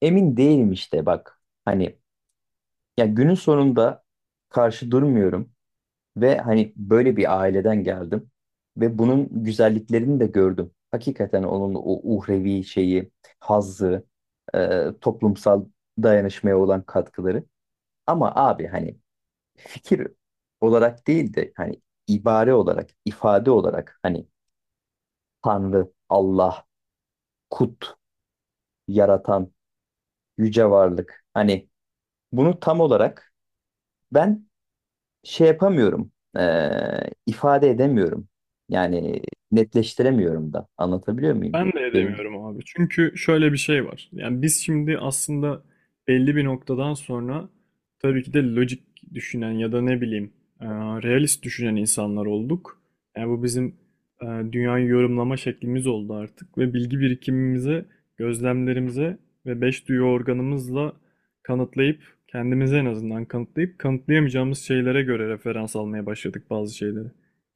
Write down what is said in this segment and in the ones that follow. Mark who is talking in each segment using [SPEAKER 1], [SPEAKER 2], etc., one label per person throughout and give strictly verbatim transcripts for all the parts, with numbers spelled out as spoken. [SPEAKER 1] Emin değilim işte bak. Hani ya günün sonunda karşı durmuyorum ve hani böyle bir aileden geldim ve bunun güzelliklerini de gördüm. Hakikaten onun o uhrevi şeyi, hazzı, e, toplumsal dayanışmaya olan katkıları. Ama abi hani fikir olarak değil de hani ibare olarak, ifade olarak hani Tanrı, Allah, Kut, Yaratan, Yüce Varlık, hani bunu tam olarak ben şey yapamıyorum, e, ifade edemiyorum. Yani netleştiremiyorum da. Anlatabiliyor muyum?
[SPEAKER 2] Ben de
[SPEAKER 1] Benim
[SPEAKER 2] edemiyorum abi. Çünkü şöyle bir şey var. Yani biz şimdi aslında belli bir noktadan sonra tabii ki de lojik düşünen ya da ne bileyim, e, realist düşünen insanlar olduk. Yani bu bizim e, dünyayı yorumlama şeklimiz oldu artık ve bilgi birikimimize, gözlemlerimize ve beş duyu organımızla kanıtlayıp kendimize en azından kanıtlayıp kanıtlayamayacağımız şeylere göre referans almaya başladık bazı şeyleri.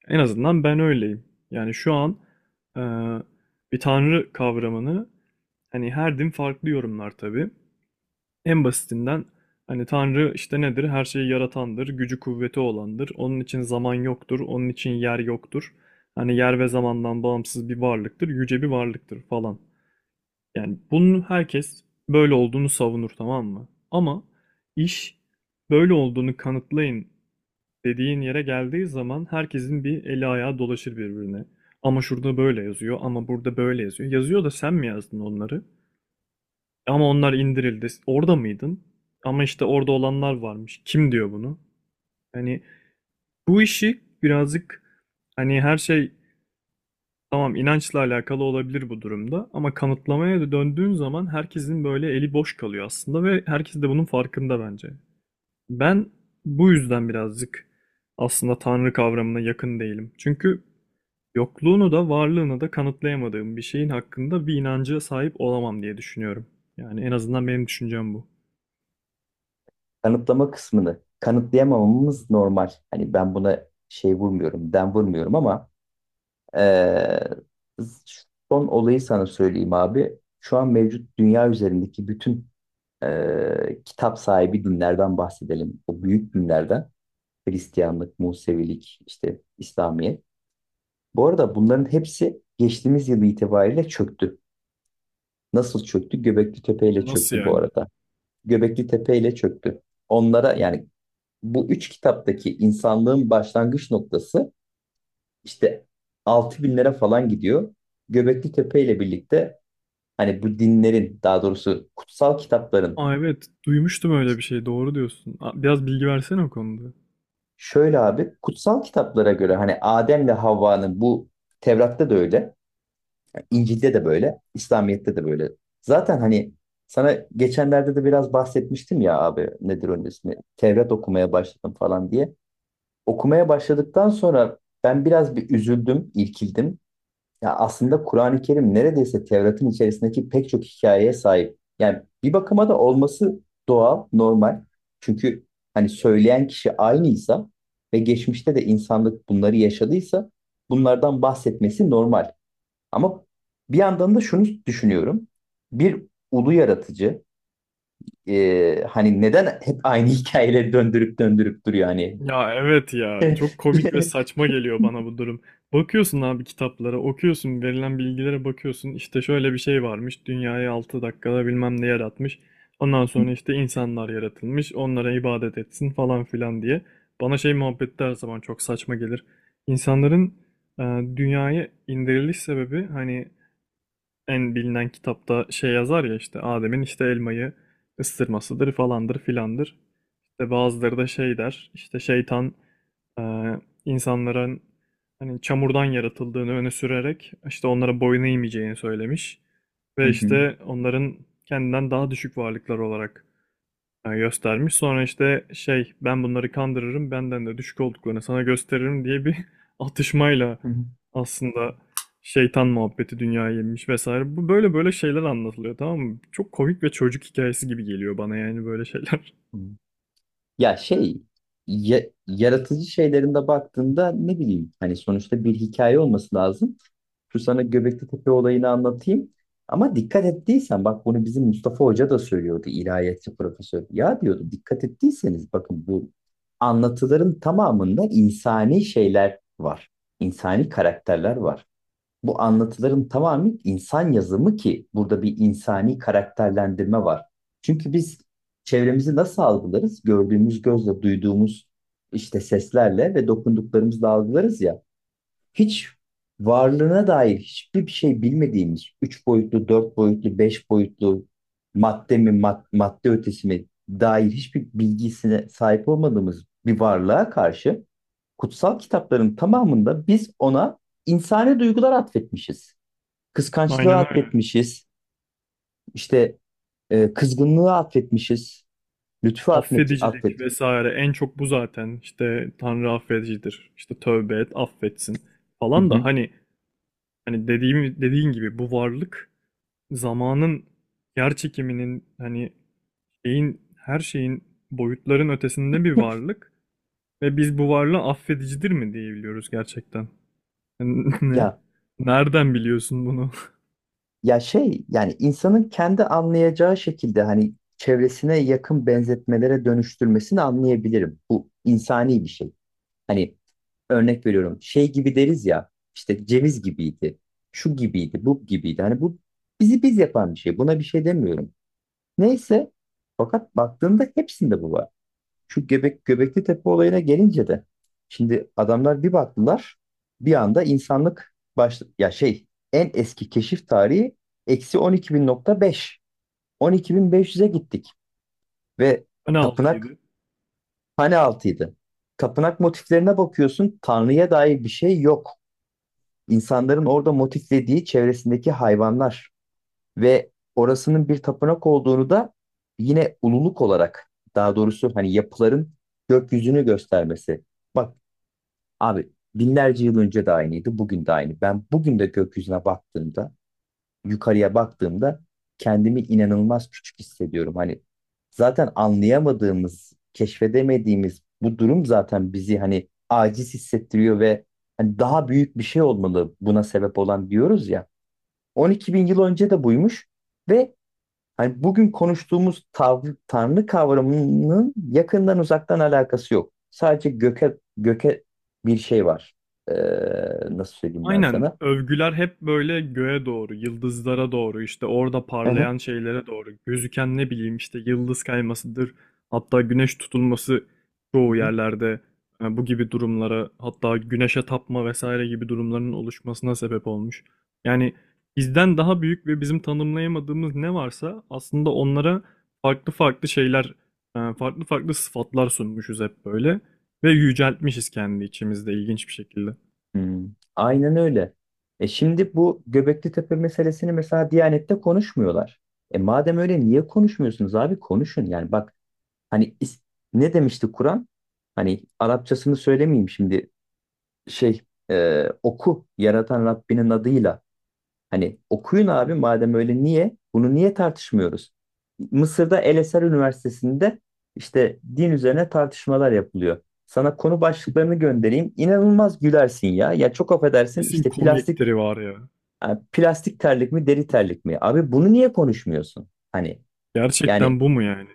[SPEAKER 2] En azından ben öyleyim. Yani şu an ee, ve tanrı kavramını, hani her din farklı yorumlar tabii. En basitinden, hani tanrı işte nedir? Her şeyi yaratandır, gücü kuvveti olandır. Onun için zaman yoktur, onun için yer yoktur. Hani yer ve zamandan bağımsız bir varlıktır, yüce bir varlıktır falan. Yani bunun herkes böyle olduğunu savunur, tamam mı? Ama iş böyle olduğunu kanıtlayın dediğin yere geldiği zaman herkesin bir eli ayağı dolaşır birbirine. Ama şurada böyle yazıyor, ama burada böyle yazıyor. Yazıyor da sen mi yazdın onları? Ama onlar indirildi. Orada mıydın? Ama işte orada olanlar varmış. Kim diyor bunu? Hani bu işi birazcık, hani her şey, tamam, inançla alakalı olabilir bu durumda ama kanıtlamaya da döndüğün zaman herkesin böyle eli boş kalıyor aslında ve herkes de bunun farkında bence. Ben bu yüzden birazcık aslında Tanrı kavramına yakın değilim. Çünkü yokluğunu da varlığını da kanıtlayamadığım bir şeyin hakkında bir inancı sahip olamam diye düşünüyorum. Yani en azından benim düşüncem bu.
[SPEAKER 1] kanıtlama kısmını kanıtlayamamamız normal. Hani ben buna şey vurmuyorum, den vurmuyorum ama e, son olayı sana söyleyeyim abi. Şu an mevcut dünya üzerindeki bütün e, kitap sahibi dinlerden bahsedelim. O büyük dinlerden. Hristiyanlık, Musevilik, işte İslamiyet. Bu arada bunların hepsi geçtiğimiz yıl itibariyle çöktü. Nasıl çöktü? Göbekli Tepe ile
[SPEAKER 2] Nasıl
[SPEAKER 1] çöktü bu
[SPEAKER 2] yani?
[SPEAKER 1] arada. Göbekli Tepe ile çöktü. Onlara yani bu üç kitaptaki insanlığın başlangıç noktası işte altı binlere falan gidiyor. Göbekli Tepe ile birlikte hani bu dinlerin, daha doğrusu kutsal kitapların,
[SPEAKER 2] Aa, evet, duymuştum öyle bir şey. Doğru diyorsun. Aa, biraz bilgi versene o konuda.
[SPEAKER 1] şöyle abi: kutsal kitaplara göre hani Adem'le Havva'nın bu Tevrat'ta da öyle. İncil'de de böyle, İslamiyet'te de böyle. Zaten hani sana geçenlerde de biraz bahsetmiştim ya abi, nedir onun ismi? Tevrat okumaya başladım falan diye. Okumaya başladıktan sonra ben biraz bir üzüldüm, irkildim. Ya aslında Kur'an-ı Kerim neredeyse Tevrat'ın içerisindeki pek çok hikayeye sahip. Yani bir bakıma da olması doğal, normal. Çünkü hani söyleyen kişi aynıysa ve geçmişte de insanlık bunları yaşadıysa bunlardan bahsetmesi normal. Ama bir yandan da şunu düşünüyorum. Bir ulu yaratıcı, e, hani neden hep aynı hikayeleri döndürüp döndürüp duruyor hani?
[SPEAKER 2] Ya evet, ya çok komik ve saçma geliyor bana bu durum. Bakıyorsun abi kitaplara, okuyorsun, verilen bilgilere bakıyorsun. İşte şöyle bir şey varmış. Dünyayı altı dakikada bilmem ne yaratmış. Ondan sonra işte insanlar yaratılmış. Onlara ibadet etsin falan filan diye. Bana şey muhabbeti de her zaman çok saçma gelir. İnsanların e, dünyaya indiriliş sebebi, hani en bilinen kitapta şey yazar ya, işte Adem'in işte elmayı ısırmasıdır falandır filandır. İşte bazıları da şey der, işte şeytan e, insanların hani çamurdan yaratıldığını öne sürerek işte onlara boyun eğmeyeceğini söylemiş. Ve işte onların kendinden daha düşük varlıklar olarak, ha, göstermiş. Sonra işte şey, ben bunları kandırırım, benden de düşük olduklarını sana gösteririm diye bir atışmayla aslında şeytan muhabbeti dünyaya yenmiş vesaire. Bu böyle böyle şeyler anlatılıyor, tamam mı? Çok komik ve çocuk hikayesi gibi geliyor bana, yani böyle şeyler.
[SPEAKER 1] Ya şey, ya- yaratıcı şeylerinde baktığında ne bileyim, hani sonuçta bir hikaye olması lazım. Şu sana Göbekli Tepe olayını anlatayım. Ama dikkat ettiysen bak, bunu bizim Mustafa Hoca da söylüyordu, ilahiyatçı profesör. Ya diyordu, dikkat ettiyseniz bakın bu anlatıların tamamında insani şeyler var. İnsani karakterler var. Bu anlatıların tamamı insan yazımı ki burada bir insani karakterlendirme var. Çünkü biz çevremizi nasıl algılarız? Gördüğümüz gözle, duyduğumuz işte seslerle ve dokunduklarımızla algılarız ya, hiç varlığına dair hiçbir şey bilmediğimiz üç boyutlu, dört boyutlu, beş boyutlu madde mi, mad- madde ötesi mi dair hiçbir bilgisine sahip olmadığımız bir varlığa karşı kutsal kitapların tamamında biz ona insani duygular atfetmişiz. Kıskançlığı
[SPEAKER 2] Aynen öyle.
[SPEAKER 1] atfetmişiz, işte e, kızgınlığı atfetmişiz, lütfu atmet,
[SPEAKER 2] Affedicilik
[SPEAKER 1] atfet.
[SPEAKER 2] vesaire, en çok bu zaten. İşte Tanrı affedicidir. İşte tövbe et, affetsin
[SPEAKER 1] Hı
[SPEAKER 2] falan da
[SPEAKER 1] hı.
[SPEAKER 2] hani hani dediğim dediğin gibi, bu varlık zamanın, yer çekiminin, hani şeyin, her şeyin, boyutların ötesinde bir varlık ve biz bu varlığı affedicidir mi diyebiliyoruz gerçekten? Yani ne?
[SPEAKER 1] Ya
[SPEAKER 2] Nereden biliyorsun bunu?
[SPEAKER 1] Ya şey, yani insanın kendi anlayacağı şekilde hani çevresine yakın benzetmelere dönüştürmesini anlayabilirim. Bu insani bir şey. Hani örnek veriyorum, şey gibi deriz ya, işte ceviz gibiydi, şu gibiydi, bu gibiydi. Hani bu bizi biz yapan bir şey. Buna bir şey demiyorum. Neyse, fakat baktığında hepsinde bu var. Şu Göbek, Göbekli Tepe olayına gelince de şimdi adamlar bir baktılar, bir anda insanlık baş, ya şey, en eski keşif tarihi eksi on iki bin beş on iki bin beş yüze gittik ve
[SPEAKER 2] Ne
[SPEAKER 1] tapınak
[SPEAKER 2] altıydı?
[SPEAKER 1] hane altıydı. Tapınak motiflerine bakıyorsun, Tanrı'ya dair bir şey yok. İnsanların orada motiflediği çevresindeki hayvanlar ve orasının bir tapınak olduğunu da yine ululuk olarak, daha doğrusu hani yapıların gökyüzünü göstermesi. Bak abi, binlerce yıl önce de aynıydı, bugün de aynı. Ben bugün de gökyüzüne baktığımda, yukarıya baktığımda kendimi inanılmaz küçük hissediyorum. Hani zaten anlayamadığımız, keşfedemediğimiz bu durum zaten bizi hani aciz hissettiriyor ve hani daha büyük bir şey olmalı buna sebep olan diyoruz ya. on iki bin yıl önce de buymuş ve Hani bugün konuştuğumuz tav- tanrı kavramının yakından uzaktan alakası yok. Sadece göke göke bir şey var. Ee, nasıl söyleyeyim ben
[SPEAKER 2] Aynen,
[SPEAKER 1] sana?
[SPEAKER 2] övgüler hep böyle göğe doğru, yıldızlara doğru, işte orada
[SPEAKER 1] Hı hı,
[SPEAKER 2] parlayan şeylere doğru, gözüken ne bileyim işte yıldız kaymasıdır. Hatta güneş tutulması
[SPEAKER 1] hı
[SPEAKER 2] çoğu
[SPEAKER 1] hı.
[SPEAKER 2] yerlerde e, bu gibi durumlara, hatta güneşe tapma vesaire gibi durumların oluşmasına sebep olmuş. Yani bizden daha büyük ve bizim tanımlayamadığımız ne varsa aslında onlara farklı farklı şeyler, e, farklı farklı sıfatlar sunmuşuz hep böyle ve yüceltmişiz kendi içimizde ilginç bir şekilde.
[SPEAKER 1] Hmm, aynen öyle. E şimdi bu Göbekli Tepe meselesini mesela Diyanet'te konuşmuyorlar. E madem öyle niye konuşmuyorsunuz abi? Konuşun yani, bak hani is- ne demişti Kur'an? Hani Arapçasını söylemeyeyim şimdi, şey e, oku yaratan Rabbinin adıyla. Hani okuyun abi, madem öyle niye? Bunu niye tartışmıyoruz? Mısır'da El Eser Üniversitesi'nde işte din üzerine tartışmalar yapılıyor. Sana konu başlıklarını göndereyim. İnanılmaz gülersin ya. Ya çok affedersin,
[SPEAKER 2] Kesin
[SPEAKER 1] işte plastik
[SPEAKER 2] komikleri var ya.
[SPEAKER 1] yani plastik terlik mi, deri terlik mi? Abi bunu niye konuşmuyorsun? Hani
[SPEAKER 2] Gerçekten
[SPEAKER 1] yani
[SPEAKER 2] bu mu yani?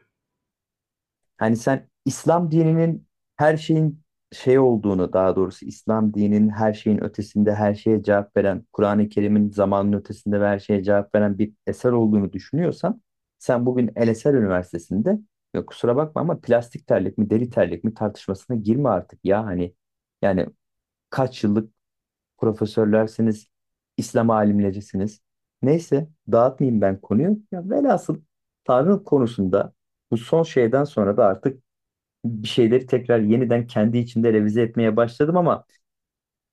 [SPEAKER 1] Hani sen İslam dininin her şeyin şey olduğunu, daha doğrusu İslam dininin her şeyin ötesinde her şeye cevap veren, Kur'an-ı Kerim'in zamanın ötesinde ve her şeye cevap veren bir eser olduğunu düşünüyorsan, sen bugün El Eser Üniversitesi'nde, ya kusura bakma ama, plastik terlik mi, deri terlik mi tartışmasına girme artık ya hani. Yani kaç yıllık profesörlersiniz, İslam alimlerisiniz. Neyse dağıtmayayım ben konuyu. Ya velhasıl, Tanrı konusunda bu son şeyden sonra da artık bir şeyleri tekrar yeniden kendi içimde revize etmeye başladım, ama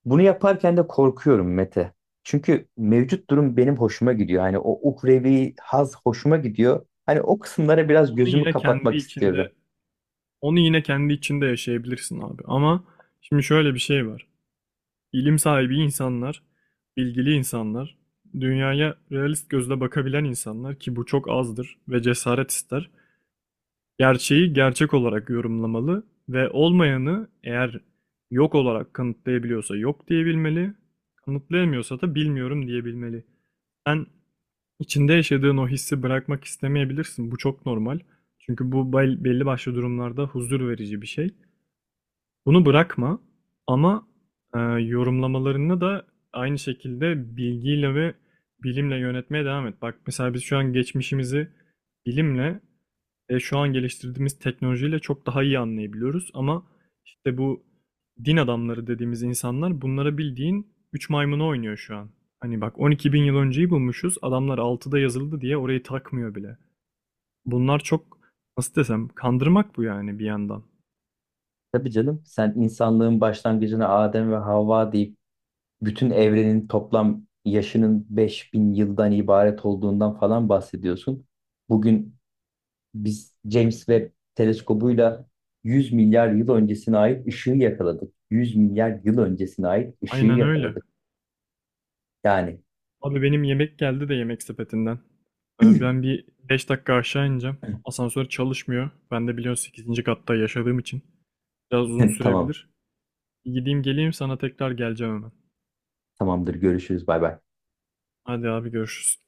[SPEAKER 1] bunu yaparken de korkuyorum Mete. Çünkü mevcut durum benim hoşuma gidiyor. Hani o uhrevi haz hoşuma gidiyor. Hani o kısımlara biraz
[SPEAKER 2] Onu
[SPEAKER 1] gözümü
[SPEAKER 2] yine kendi
[SPEAKER 1] kapatmak istiyorum.
[SPEAKER 2] içinde, onu yine kendi içinde yaşayabilirsin abi. Ama şimdi şöyle bir şey var. İlim sahibi insanlar, bilgili insanlar, dünyaya realist gözle bakabilen insanlar ki bu çok azdır ve cesaret ister. Gerçeği gerçek olarak yorumlamalı ve olmayanı eğer yok olarak kanıtlayabiliyorsa yok diyebilmeli, kanıtlayamıyorsa da bilmiyorum diyebilmeli. Ben, İçinde yaşadığın o hissi bırakmak istemeyebilirsin. Bu çok normal. Çünkü bu bel- belli başlı durumlarda huzur verici bir şey. Bunu bırakma ama e, yorumlamalarını da aynı şekilde bilgiyle ve bilimle yönetmeye devam et. Bak mesela biz şu an geçmişimizi bilimle, e, şu an geliştirdiğimiz teknolojiyle çok daha iyi anlayabiliyoruz ama işte bu din adamları dediğimiz insanlar bunlara bildiğin üç maymunu oynuyor şu an. Hani bak, on iki bin yıl önceyi bulmuşuz, adamlar altıda yazıldı diye orayı takmıyor bile. Bunlar çok, nasıl desem, kandırmak bu yani bir yandan.
[SPEAKER 1] Tabii canım, sen insanlığın başlangıcına Adem ve Havva deyip bütün evrenin toplam yaşının beş bin yıldan ibaret olduğundan falan bahsediyorsun. Bugün Biz James Webb teleskobuyla yüz milyar yıl öncesine ait ışığı yakaladık. yüz milyar yıl öncesine ait ışığı
[SPEAKER 2] Aynen öyle.
[SPEAKER 1] yakaladık. Yani
[SPEAKER 2] Abi benim yemek geldi de yemek sepetinden. Ee, Ben bir beş dakika aşağı ineceğim. Asansör çalışmıyor. Ben de biliyorsun sekizinci katta yaşadığım için biraz uzun
[SPEAKER 1] tamam,
[SPEAKER 2] sürebilir. Gideyim geleyim, sana tekrar geleceğim hemen.
[SPEAKER 1] tamamdır. Görüşürüz. Bay bay.
[SPEAKER 2] Hadi abi, görüşürüz.